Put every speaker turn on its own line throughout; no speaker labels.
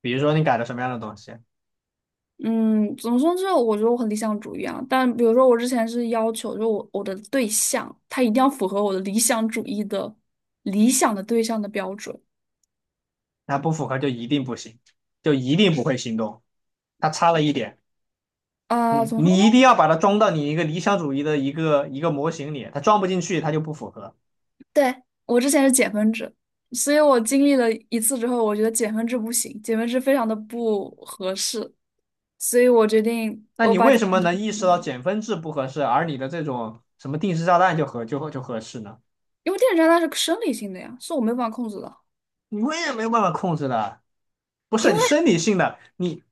比如说你改了什么样的东西，
嗯，怎么说呢？就我觉得我很理想主义啊，但比如说我之前是要求，就我的对象他一定要符合我的理想主义的理想的对象的标准
它不符合就一定不行，就一定不会行动。它差了一点，
啊、
你
怎么说呢？
你一定要把它装到你一个理想主义的一个模型里，它装不进去，它就不符合。
对，我之前是减分制，所以我经历了一次之后，我觉得减分制不行，减分制非常的不合适，所以我决定
那
我
你
把
为
减
什么
分制
能
去
意识
掉
到
了，
减分制不合适，而你的这种什么定时炸弹就合适呢？
因为电子障碍是生理性的呀，是我没有办法控制的，
你我也没有办法控制的，不是
因
你
为
生理性的。你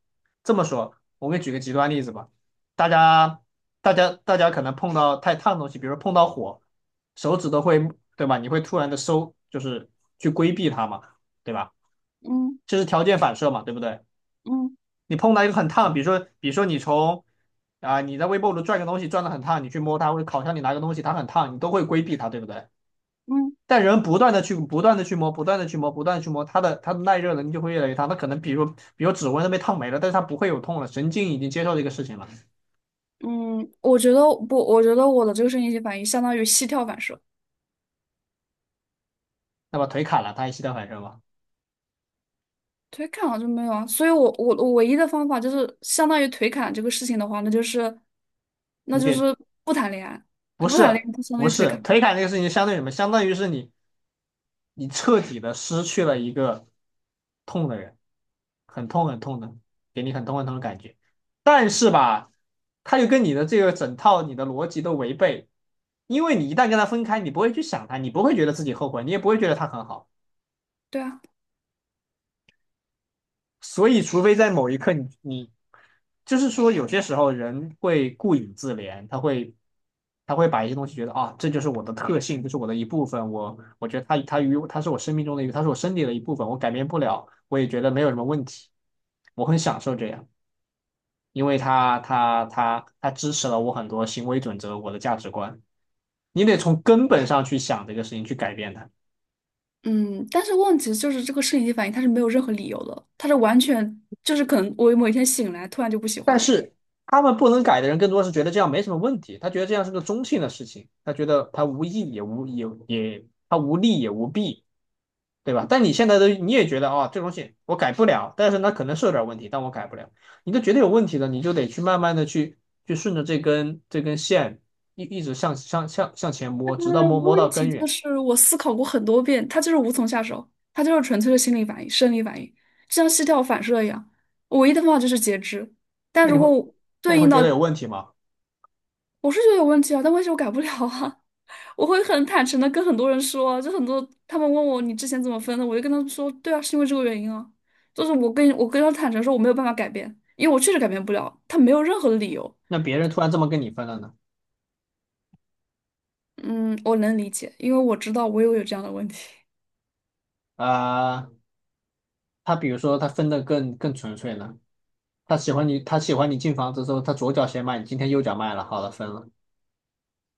这么说，我给你举个极端例子吧。大家，大家可能碰到太烫的东西，比如说碰到火，手指都会，对吧？你会突然的收，就是去规避它嘛，对吧？
嗯
这是条件反射嘛，对不对？
嗯
你碰到一个很烫，比如说，比如说你从你在微波炉转个东西，转的很烫，你去摸它，或者烤箱里拿个东西，它很烫，你都会规避它，对不对？
嗯。
但人不断的去摸，不断的去摸，不断的去摸，它的耐热能力就会越来越大。它可能比如指纹都被烫没了，但是它不会有痛了，神经已经接受这个事情了。
嗯，我觉得不，我觉得我的这个声音性反应相当于膝跳反射，
那么腿砍了，它还膝盖反射吗？
腿砍了就没有啊。所以我唯一的方法就是相当于腿砍这个事情的话，那就是那
你
就
得
是不谈恋爱，
不
不谈
是
恋爱就相当
不
于腿
是
砍。
腿砍这个事情，相当于什么？相当于是你彻底的失去了一个痛的人，很痛很痛的，给你很痛很痛的感觉。但是吧，他又跟你的这个整套你的逻辑都违背，因为你一旦跟他分开，你不会去想他，你不会觉得自己后悔，你也不会觉得他很好。
对啊，
所以，除非在某一刻你就是说，有些时候人会顾影自怜，他会把一些东西觉得啊，这就是我的特性，这是我的一部分。我觉得他是我生命中的一个，他是我身体的一部分，我改变不了，我也觉得没有什么问题。我很享受这样，因为他支持了我很多行为准则，我的价值观。你得从根本上去想这个事情，去改变它。
嗯，但是问题就是这个摄影机反应它是没有任何理由的，它是完全就是可能我某一天醒来突然就不喜欢
但
了。
是他们不能改的人，更多是觉得这样没什么问题，他觉得这样是个中性的事情，他觉得他无益也他无利也无弊，对吧？但你现在都你也觉得哦这东西我改不了，但是那可能是有点问题，但我改不了，你都觉得有问题了，你就得去慢慢的去去顺着这根线一直向前摸，直到摸
问
到
题
根
就
源，
是我思考过很多遍，它就是无从下手，它就是纯粹的心理反应、生理反应，就像膝跳反射一样。我唯一的方法就是截肢，但
那你
如果
会
我
那你
对
会
应
觉
到
得有问题吗？
我是觉得有问题啊，但问题我改不了啊，我会很坦诚的跟很多人说啊，就很多他们问我你之前怎么分的，我就跟他们说，对啊，是因为这个原因啊，就是我跟他坦诚说我没有办法改变，因为我确实改变不了，他没有任何的理由。
那别人突然这么跟你分了呢？
嗯，我能理解，因为我知道我也有这样的问题。
啊、他比如说他分的更纯粹呢？他喜欢你，他喜欢你进房子之后，他左脚先卖你，今天右脚卖了，好了，分了。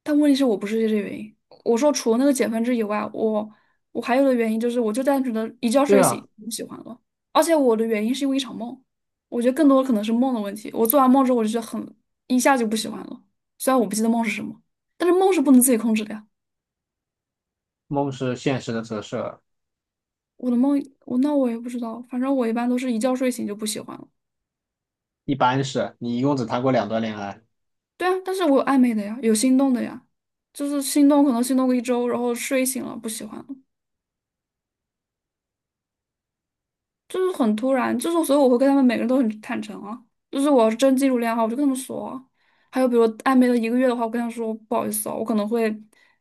但问题是我不是这个原因。我说除了那个减分制以外，我还有的原因就是，我就单纯的一觉
对
睡
啊，
醒不喜欢了，而且我的原因是因为一场梦。我觉得更多的可能是梦的问题。我做完梦之后，我就觉得一下就不喜欢了。虽然我不记得梦是什么，但是梦是不能自己控制的呀。
梦是现实的折射，
我的梦，那我也不知道，反正我一般都是一觉睡醒就不喜欢了。
一般是你一共只谈过两段恋爱，
对啊，但是我有暧昧的呀，有心动的呀，就是心动可能心动个一周，然后睡醒了不喜欢了。就是很突然，就是所以我会跟他们每个人都很坦诚啊。就是我要是真进入恋爱的话我就跟他们说啊。还有比如暧昧了一个月的话，我跟他说不好意思哦，我可能会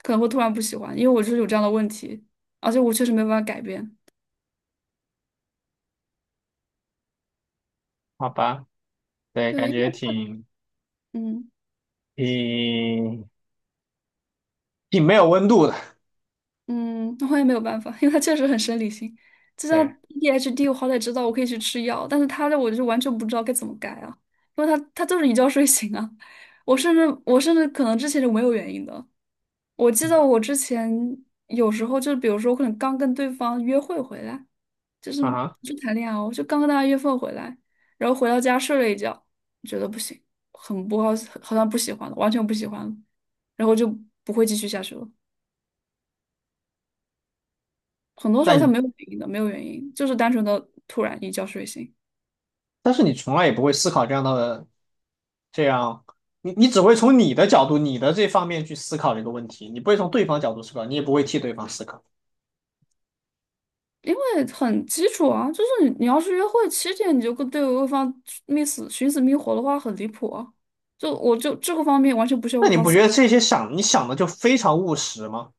可能会突然不喜欢，因为我就是有这样的问题，而且我确实没有办法改变。
好吧？对，
对，
感
因为
觉
他
挺
嗯
挺挺没有温度的，
嗯，那我也没有办法，因为他确实很生理性。就像
对，
ADHD，我好歹知道我可以去吃药，但是他的我就完全不知道该怎么改啊，因为他就是一觉睡醒啊。我甚至可能之前是没有原因的，我记得我
嗯
之前有时候就比如说，可能刚跟对方约会回来，就是
啊哈。
就谈恋爱哦，就刚跟大家约会回来，然后回到家睡了一觉，觉得不行，很不好，好像不喜欢了，完全不喜欢了，然后就不会继续下去了。很多时候他
但
没有原因的，没有原因，就是单纯的突然一觉睡醒。
但是你从来也不会思考这样的这样，你只会从你的角度、你的这方面去思考这个问题，你不会从对方角度思考，你也不会替对方思考。
因为很基础啊，就是你要是约会7天，你就跟对方觅死寻死觅活的话，很离谱啊。就我就这个方面完全不需要
那
为对
你
方
不觉得这些想你想的就非常务实吗？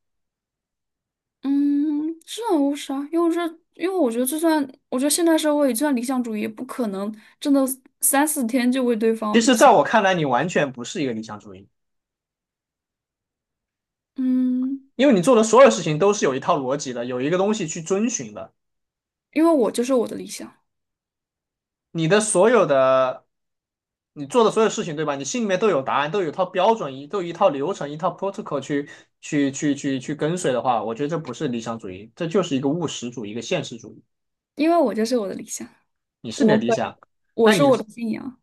嗯，这无啥，因为这，因为我觉得就算，我觉得现代社会就算理想主义，也不可能真的三四天就为对
其
方
实，在
去。
我看来，你完全不是一个理想主义，
嗯，
因为你做的所有事情都是有一套逻辑的，有一个东西去遵循的。
因为我就是我的理想，
你的所有的，你做的所有事情，对吧？你心里面都有答案，都有一套标准，都有一套流程，一套 protocol 去去跟随的话，我觉得这不是理想主义，这就是一个务实主义，一个现实主义。
因为我就是我的理想，
你是你的
我
理
本
想，
我
那
是
你
我的信仰。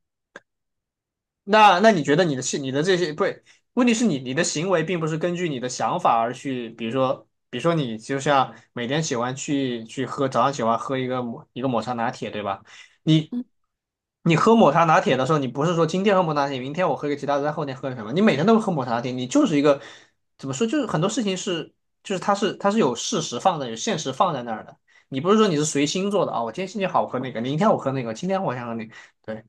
那你觉得你的你的这些不是？问题是你的行为并不是根据你的想法而去，比如说你就像每天喜欢去喝早上喜欢喝一个一个抹茶拿铁，对吧？你
嗯，
你喝抹茶拿铁的时候，你不是说今天喝抹茶拿铁，明天我喝个其他的，再后天喝个什么？你每天都喝抹茶拿铁，你就是一个怎么说？就是很多事情是就是它是有事实放在有现实放在那儿的，你不是说你是随心做的我今天心情好，我喝那个；明天我喝那个，今天我想喝那个。对。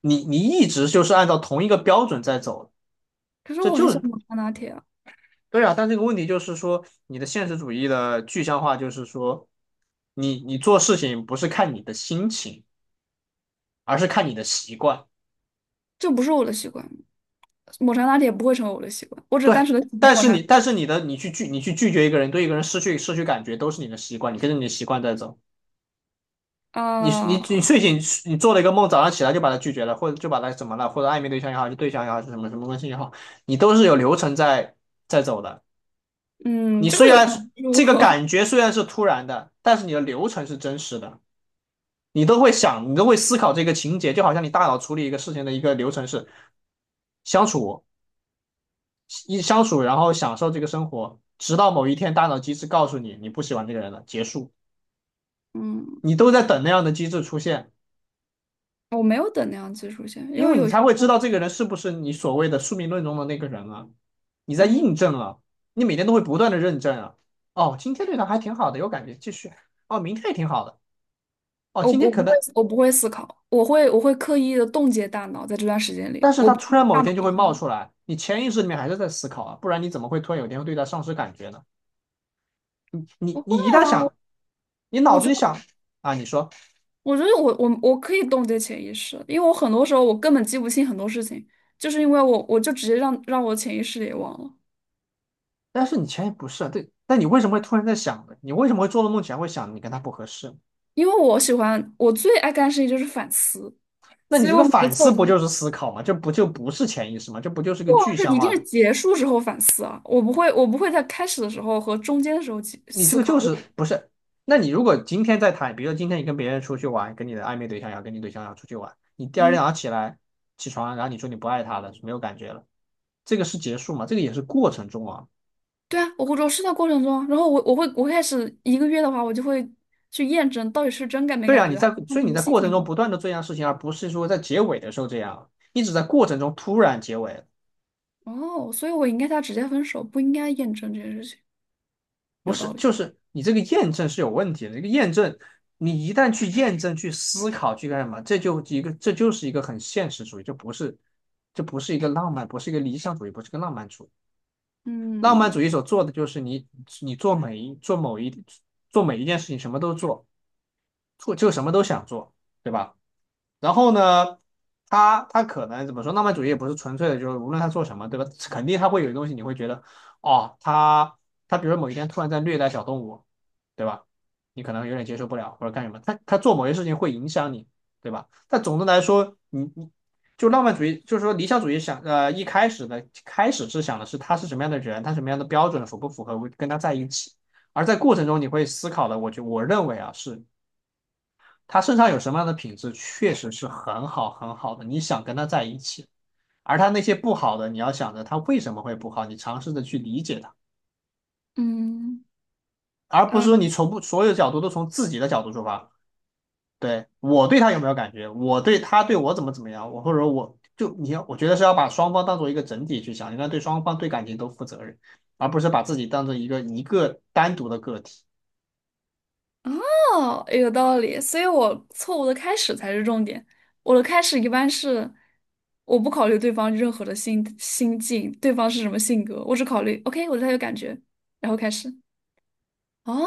你一直就是按照同一个标准在走，
可是
这
我很
就
喜
是
欢抹茶拿铁啊，
对啊。但这个问题就是说，你的现实主义的具象化就是说，你做事情不是看你的心情，而是看你的习惯。
这不是我的习惯，抹茶拿铁不会成为我的习惯，我只是单
对，
纯的喜欢抹茶
但是你的你去拒绝一个人，对一个人失去感觉，都是你的习惯，你跟着你的习惯在走。
啊、
你睡醒，你做了一个梦，早上起来就把他拒绝了，或者就把他怎么了，或者暧昧对象也好，就对象也好，是什么什么关系也好，你都是有流程在在走的。
嗯，
你
这个
虽
有
然
什么？
这个
我
感觉虽然是突然的，但是你的流程是真实的，你都会想，你都会思考这个情节，就好像你大脑处理一个事情的一个流程是相处相处，然后享受这个生活，直到某一天大脑机制告诉你你不喜欢这个人了，结束，
嗯，
你都在等那样的机制出现，
我没有等那样技术线，因
因
为
为你
有些
才会知道这个人是不是你所谓的宿命论中的那个人啊，你在
嗯。
印证啊，你每天都会不断的认证啊，哦，今天对他还挺好的，有感觉，继续，哦，明天也挺好的。哦，
我
今
不
天
我
可
不会，
能
我不会思考，我会刻意的冻结大脑，在这段时间里，
但是
我
他
不
突然
会
某
大
一
脑
天就
影
会
响
冒
我。
出来，你潜意识里面还是在思考啊，不然你怎么会突然有一天会对他丧失感觉呢？你
不
你
会
你一旦
啊，我
想，你脑
我
子
觉
里
得，
想啊，你说，
我觉得我可以冻结潜意识，因为我很多时候我根本记不清很多事情，就是因为我就直接让我潜意识也忘了。
但是你前也不是啊对，但你为什么会突然在想呢？你为什么会做了梦前会想你跟他不合适？
因为我喜欢我最爱干的事情就是反思，
那你
所以
这
我
个
每个
反
作
思不就
文，
是思考吗？这不就不是潜意识吗？这不就是个
哇，
具
是
象
一
化
定是
的？
结束之后反思啊，我不会在开始的时候和中间的时候记
你这
思
个就
考。
是不是？那你如果今天在谈，比如说今天你跟别人出去玩，跟你的暧昧对象跟你对象要出去玩，你第二天早
嗯。
上起来起床，然后你说你不爱他了，没有感觉了。这个是结束吗？这个也是过程中啊。
对啊，我是在过程中啊然后我开始一个月的话，我就会去验证到底是真感没
对
感
啊，
觉
你
的，
在，
看
所以
你
你
的
在
心
过程
情不
中
好。
不断的做一样事情，而不是说在结尾的时候这样，你只在过程中突然结尾，
哦，所以我应该他直接分手，不应该验证这件事情，
不
有
是，
道理。
就是你这个验证是有问题的。这个验证，你一旦去验证、去思考、去干什么，这就一个，这就是一个很现实主义，就不是，这不是一个浪漫，不是一个理想主义，不是一个浪漫主义。浪漫
嗯
主义所做的就是你，你做每一做某一做每一件事情，什么都做，做就什么都想做，对吧？然后呢，他可能怎么说？浪漫主义也不是纯粹的，就是无论他做什么，对吧？肯定他会有东西，你会觉得，哦，他比如说某一天突然在虐待小动物，对吧？你可能有点接受不了，或者干什么，他做某些事情会影响你，对吧？但总的来说，你就浪漫主义，就是说理想主义想，一开始的开始是想的是他是什么样的人，他什么样的标准符不符合跟他在一起，而在过程中你会思考的，我认为啊是。他身上有什么样的品质，确实是很好很好的，你想跟他在一起。而他那些不好的，你要想着他为什么会不好，你尝试着去理解他，
嗯
而不是说
嗯，
你从不所有角度都从自己的角度出发。对，我对他有没有感觉，我对他对我怎么怎么样，我或者我就你要，我觉得是要把双方当做一个整体去想，应该对双方对感情都负责任，而不是把自己当成一个单独的个体。
哦，有道理。所以我错误的开始才是重点。我的开始一般是我不考虑对方任何的心境，对方是什么性格，我只考虑 OK，我对他有感觉，然后开始。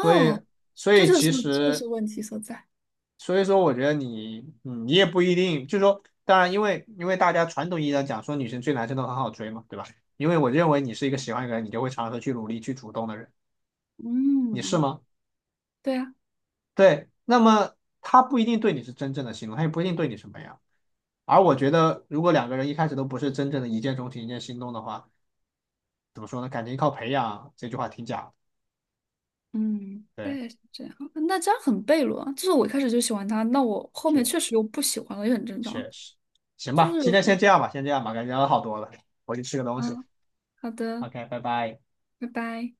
所以，所
这
以
就是
其
这就
实
是问题所在。
所以说，我觉得你，嗯，你也不一定，就是说，当然，因为大家传统意义上讲说女生追男生都很好追嘛，对吧？因为我认为你是一个喜欢一个人，你就会尝试去努力去主动的人，你是
嗯。
吗？
对啊，
对，那么他不一定对你是真正的心动，他也不一定对你什么样。而我觉得，如果两个人一开始都不是真正的一见钟情、一见心动的话，怎么说呢？感情靠培养这句话挺假的
嗯，
对，
对，是这样。那这样很悖论啊就是我一开始就喜欢他，那我后面
是
确实又不喜欢了，也很正
确
常。
实。行
就
吧，
是
今
有，
天先这样吧，先这样吧，感觉聊了好多了，我去吃个东西。
嗯，好的，
OK,拜拜。
拜拜。